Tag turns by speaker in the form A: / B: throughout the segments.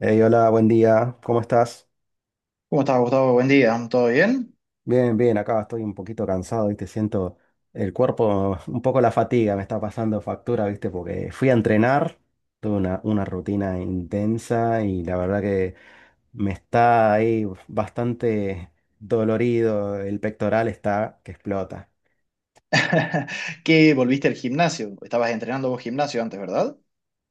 A: Hey, hola, buen día, ¿cómo estás?
B: ¿Cómo estás, Gustavo? Buen día, ¿todo bien?
A: Bien, bien, acá estoy un poquito cansado, viste. Siento el cuerpo, un poco la fatiga me está pasando factura, ¿viste? Porque fui a entrenar, tuve una rutina intensa y la verdad que me está ahí bastante dolorido, el pectoral está que explota.
B: ¿Qué volviste al gimnasio? Estabas entrenando vos gimnasio antes, ¿verdad?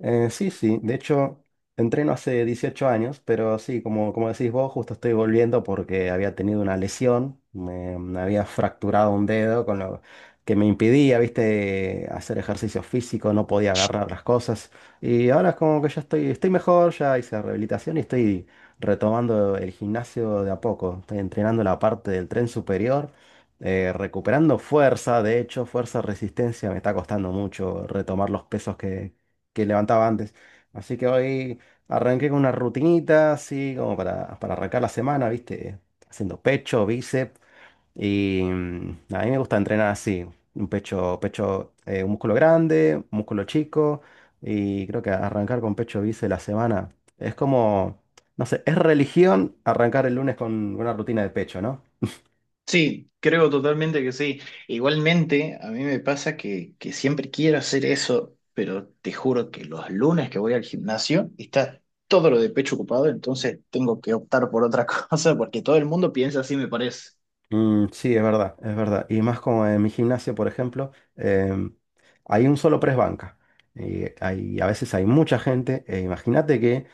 A: Sí, sí, de hecho entreno hace 18 años, pero sí, como, como decís vos, justo estoy volviendo porque había tenido una lesión, me había fracturado un dedo con lo que me impedía, viste, hacer ejercicio físico, no podía agarrar las cosas y ahora es como que ya estoy mejor, ya hice rehabilitación y estoy retomando el gimnasio de a poco, estoy entrenando la parte del tren superior. Recuperando fuerza, de hecho, fuerza, resistencia, me está costando mucho retomar los pesos que levantaba antes. Así que hoy arranqué con una rutinita, así como para arrancar la semana, ¿viste? Haciendo pecho, bíceps. Y a mí me gusta entrenar así, un pecho, un músculo grande, un músculo chico. Y creo que arrancar con pecho, bíceps la semana es como, no sé, es religión arrancar el lunes con una rutina de pecho, ¿no?
B: Sí, creo totalmente que sí. Igualmente, a mí me pasa que siempre quiero hacer eso, pero te juro que los lunes que voy al gimnasio está todo lo de pecho ocupado, entonces tengo que optar por otra cosa porque todo el mundo piensa así, me parece.
A: Sí, es verdad, es verdad. Y más como en mi gimnasio, por ejemplo, hay un solo press banca. Y hay, a veces hay mucha gente, e imagínate que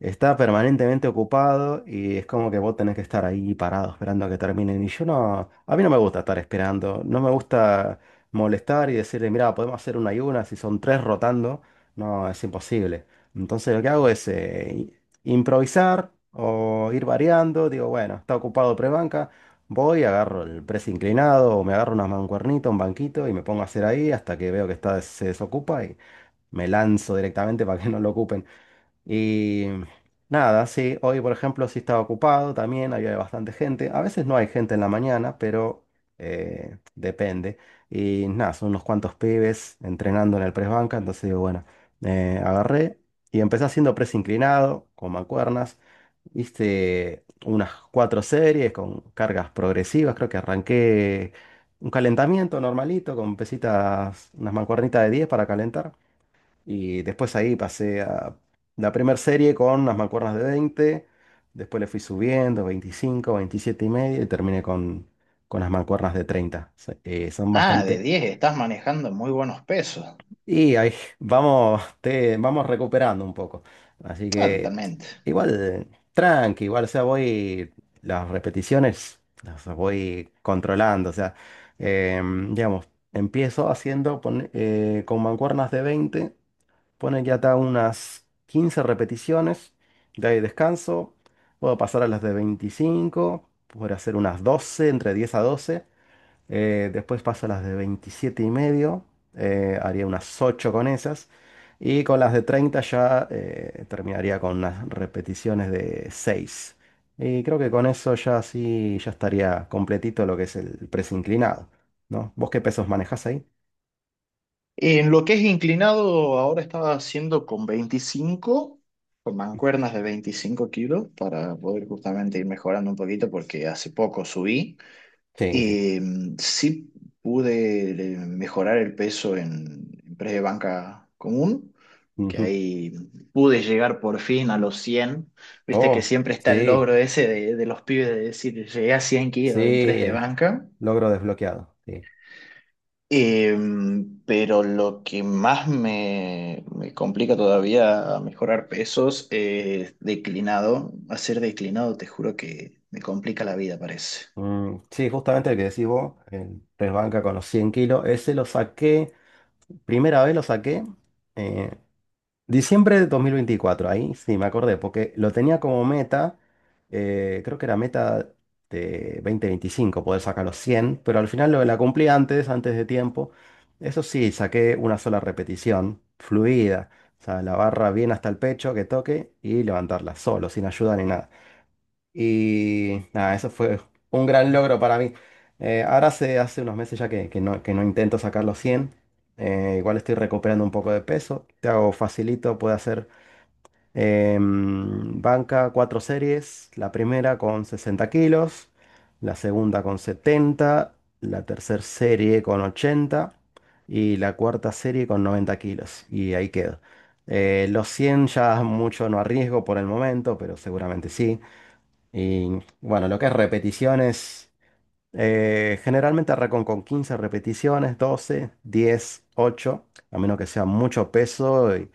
A: está permanentemente ocupado y es como que vos tenés que estar ahí parado esperando a que terminen. Y yo no, a mí no me gusta estar esperando, no me gusta molestar y decirle, mira, podemos hacer una y una, si son tres rotando, no, es imposible. Entonces lo que hago es improvisar o ir variando, digo, bueno, está ocupado prebanca, voy, agarro el press inclinado o me agarro unas mancuernitas, un banquito y me pongo a hacer ahí hasta que veo que está, se desocupa y me lanzo directamente para que no lo ocupen. Y nada, sí, hoy por ejemplo sí estaba ocupado también, había bastante gente. A veces no hay gente en la mañana, pero depende. Y nada, son unos cuantos pibes entrenando en el press banca, entonces digo, bueno, agarré y empecé haciendo press inclinado con mancuernas. Hice unas cuatro series con cargas progresivas, creo que arranqué un calentamiento normalito con pesitas, unas mancuernitas de 10 para calentar. Y después ahí pasé a la primera serie con las mancuernas de 20, después le fui subiendo 25, 27 y medio y terminé con las mancuernas de 30. Son
B: Ah, de
A: bastante…
B: 10 estás manejando muy buenos pesos.
A: Y ahí vamos, vamos recuperando un poco. Así
B: Ah,
A: que
B: totalmente.
A: igual, tranqui, igual, o sea, voy, las repeticiones las voy controlando, o sea, digamos, empiezo haciendo con mancuernas de 20. Pone que acá unas 15 repeticiones, de ahí descanso. Puedo pasar a las de 25, puedo hacer unas 12, entre 10 a 12. Después paso a las de 27 y medio, haría unas 8 con esas. Y con las de 30 ya terminaría con unas repeticiones de 6. Y creo que con eso ya sí, ya estaría completito lo que es el press inclinado, ¿no? ¿Vos qué pesos manejás ahí?
B: En lo que es inclinado, ahora estaba haciendo con 25, con mancuernas de 25 kilos, para poder justamente ir mejorando un poquito, porque hace poco subí.
A: Sí, sí.
B: Y sí pude mejorar el peso en, press de banca común, que
A: Ujú.
B: ahí pude llegar por fin a los 100. Viste que
A: Oh,
B: siempre está el
A: sí.
B: logro ese de los pibes de decir, llegué a 100 kilos en press de
A: Sí,
B: banca.
A: logro desbloqueado. Sí.
B: Em, pero lo que más me, complica todavía a mejorar pesos es declinado. Hacer declinado, te juro que me complica la vida, parece.
A: Sí, justamente el que decís vos, el press banca con los 100 kilos, ese lo saqué, primera vez lo saqué, eh, diciembre de 2024. Ahí sí me acordé, porque lo tenía como meta, creo que era meta de 2025 poder sacar los 100, pero al final lo la cumplí antes, antes de tiempo. Eso sí, saqué una sola repetición, fluida, o sea, la barra bien hasta el pecho, que toque y levantarla solo, sin ayuda ni nada. Y nada, eso fue un gran logro para mí. Ahora hace unos meses ya que no intento sacar los 100. Igual estoy recuperando un poco de peso. Te hago facilito, puedo hacer banca, cuatro series. La primera con 60 kilos, la segunda con 70, la tercera serie con 80 y la cuarta serie con 90 kilos. Y ahí quedo. Los 100 ya mucho no arriesgo por el momento, pero seguramente sí. Y bueno, lo que es repeticiones, generalmente arranco con 15 repeticiones, 12, 10, 8, a menos que sea mucho peso, y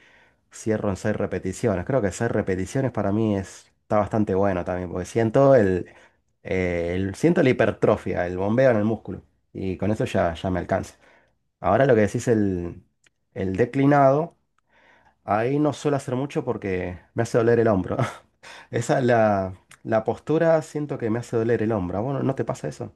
A: cierro en 6 repeticiones. Creo que 6 repeticiones para mí es, está bastante bueno también, porque siento el, siento la hipertrofia, el bombeo en el músculo, y con eso ya, ya me alcanza. Ahora lo que decís el declinado, ahí no suelo hacer mucho porque me hace doler el hombro. Esa, la, la postura siento que me hace doler el hombro. Bueno, no te pasa eso?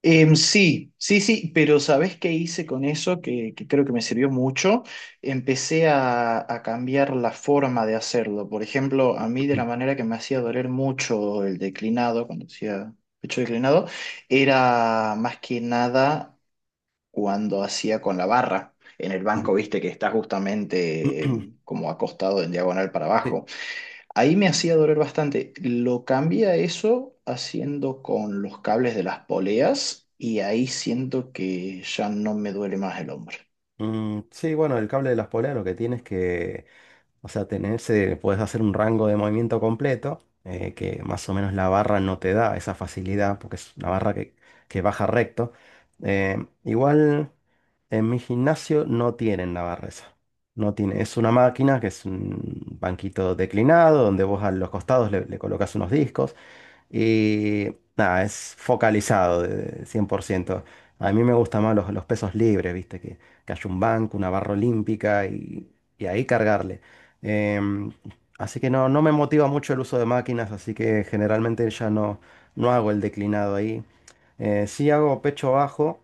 B: Em, sí, sí, sí, pero ¿sabés qué hice con eso? Que creo que me sirvió mucho. Empecé a cambiar la forma de hacerlo. Por ejemplo, a mí de la manera que me hacía doler mucho el declinado, cuando hacía pecho declinado, era más que nada cuando hacía con la barra. En el banco, viste que está justamente como acostado en diagonal para
A: Sí.
B: abajo. Ahí me hacía doler bastante. Lo cambié a eso haciendo con los cables de las poleas y ahí siento que ya no me duele más el hombro.
A: Sí, bueno, el cable de las poleas lo que tienes que, o sea, tenerse, puedes hacer un rango de movimiento completo, que más o menos la barra no te da esa facilidad, porque es una barra que baja recto. Igual en mi gimnasio no tienen la barra esa. No tiene, es una máquina que es un banquito declinado, donde vos a los costados le colocas unos discos. Y nada, es focalizado de 100%. A mí me gustan más los pesos libres, ¿viste? Que haya un banco, una barra olímpica y ahí cargarle. Em, Así que no, no me motiva mucho el uso de máquinas, así que generalmente ya no, no hago el declinado ahí. Sí hago pecho bajo,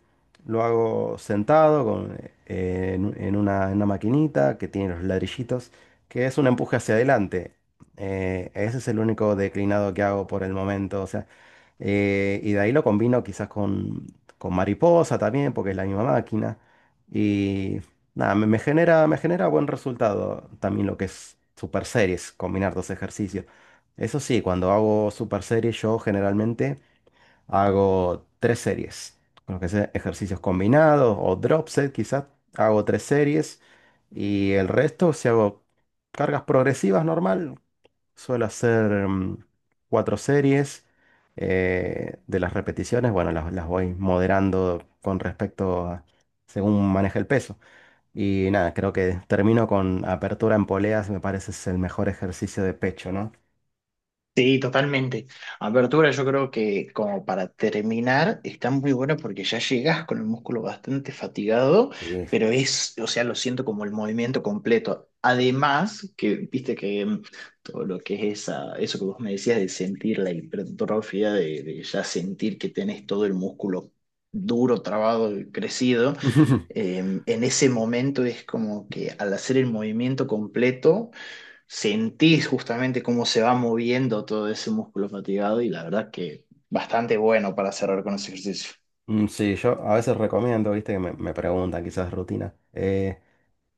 A: lo hago sentado con, en una maquinita que tiene los ladrillitos, que es un empuje hacia adelante. Ese es el único declinado que hago por el momento. O sea, y de ahí lo combino quizás con mariposa también, porque es la misma máquina. Y nada, me genera buen resultado también lo que es super series, combinar dos ejercicios. Eso sí, cuando hago super series, yo generalmente hago tres series. Con lo que sea ejercicios combinados o drop set, quizás hago tres series. Y el resto, si hago cargas progresivas normal, suelo hacer cuatro series. De las repeticiones, bueno, las voy moderando con respecto a según maneja el peso. Y nada, creo que termino con apertura en poleas, me parece es el mejor ejercicio de pecho, ¿no?
B: Sí, totalmente. Apertura, yo creo que como para terminar, está muy bueno porque ya llegas con el músculo bastante fatigado,
A: Sí.
B: pero es, o sea, lo siento como el movimiento completo. Además, que viste que todo lo que es esa, eso que vos me decías de sentir la hipertrofia, de, ya sentir que tenés todo el músculo duro, trabado y crecido, eh, en ese momento es como que al hacer el movimiento completo sentís justamente cómo se va moviendo todo ese músculo fatigado y la verdad que bastante bueno para cerrar con ese ejercicio.
A: Sí, yo a veces recomiendo, viste, que me preguntan quizás rutina. Eh,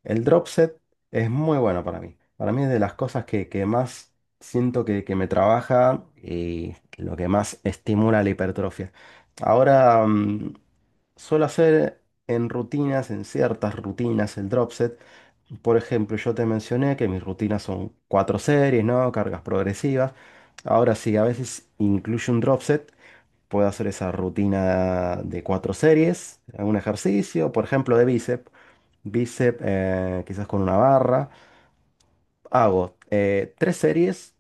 A: El drop set es muy bueno para mí. Para mí es de las cosas que más siento que me trabaja y lo que más estimula la hipertrofia. Ahora, suelo hacer en rutinas, en ciertas rutinas, el drop set. Por ejemplo, yo te mencioné que mis rutinas son cuatro series, ¿no? Cargas progresivas. Ahora sí, a veces incluyo un drop set. Puedo hacer esa rutina de cuatro series, un ejercicio, por ejemplo, de bíceps. Bíceps, quizás con una barra. Hago tres series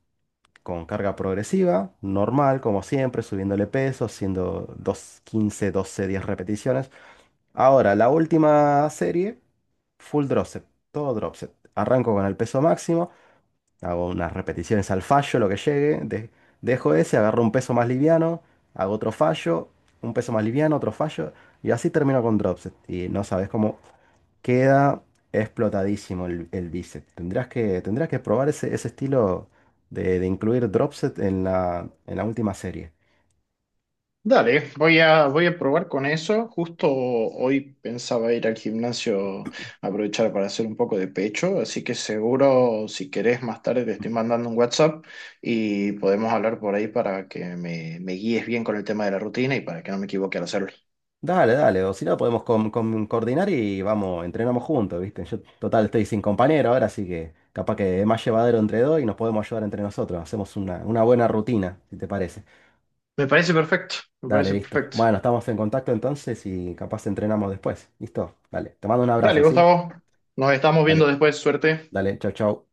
A: con carga progresiva, normal, como siempre, subiéndole peso, haciendo dos, 15, 12, 10 repeticiones. Ahora, la última serie, full drop set, todo drop set. Arranco con el peso máximo. Hago unas repeticiones al fallo, lo que llegue. Dejo ese, agarro un peso más liviano, hago otro fallo, un peso más liviano, otro fallo. Y así termino con dropset. Y no sabes cómo queda explotadísimo el bíceps. Tendrás que probar ese estilo de incluir dropset en en la última serie.
B: Dale, voy a, probar con eso. Justo hoy pensaba ir al gimnasio, aprovechar para hacer un poco de pecho, así que seguro si querés más tarde te estoy mandando un WhatsApp y podemos hablar por ahí para que me, guíes bien con el tema de la rutina y para que no me equivoque al hacerlo.
A: Dale, dale, o si no podemos coordinar y vamos, entrenamos juntos, ¿viste? Yo total estoy sin compañero ahora, así que capaz que es más llevadero entre dos y nos podemos ayudar entre nosotros. Hacemos una buena rutina, si te parece.
B: Me parece perfecto, me
A: Dale,
B: parece
A: listo.
B: perfecto.
A: Bueno, estamos en contacto entonces y capaz entrenamos después. ¿Listo? Dale, te mando un abrazo,
B: Dale,
A: ¿sí?
B: Gustavo, nos estamos viendo
A: Dale,
B: después, suerte.
A: dale, chau, chau.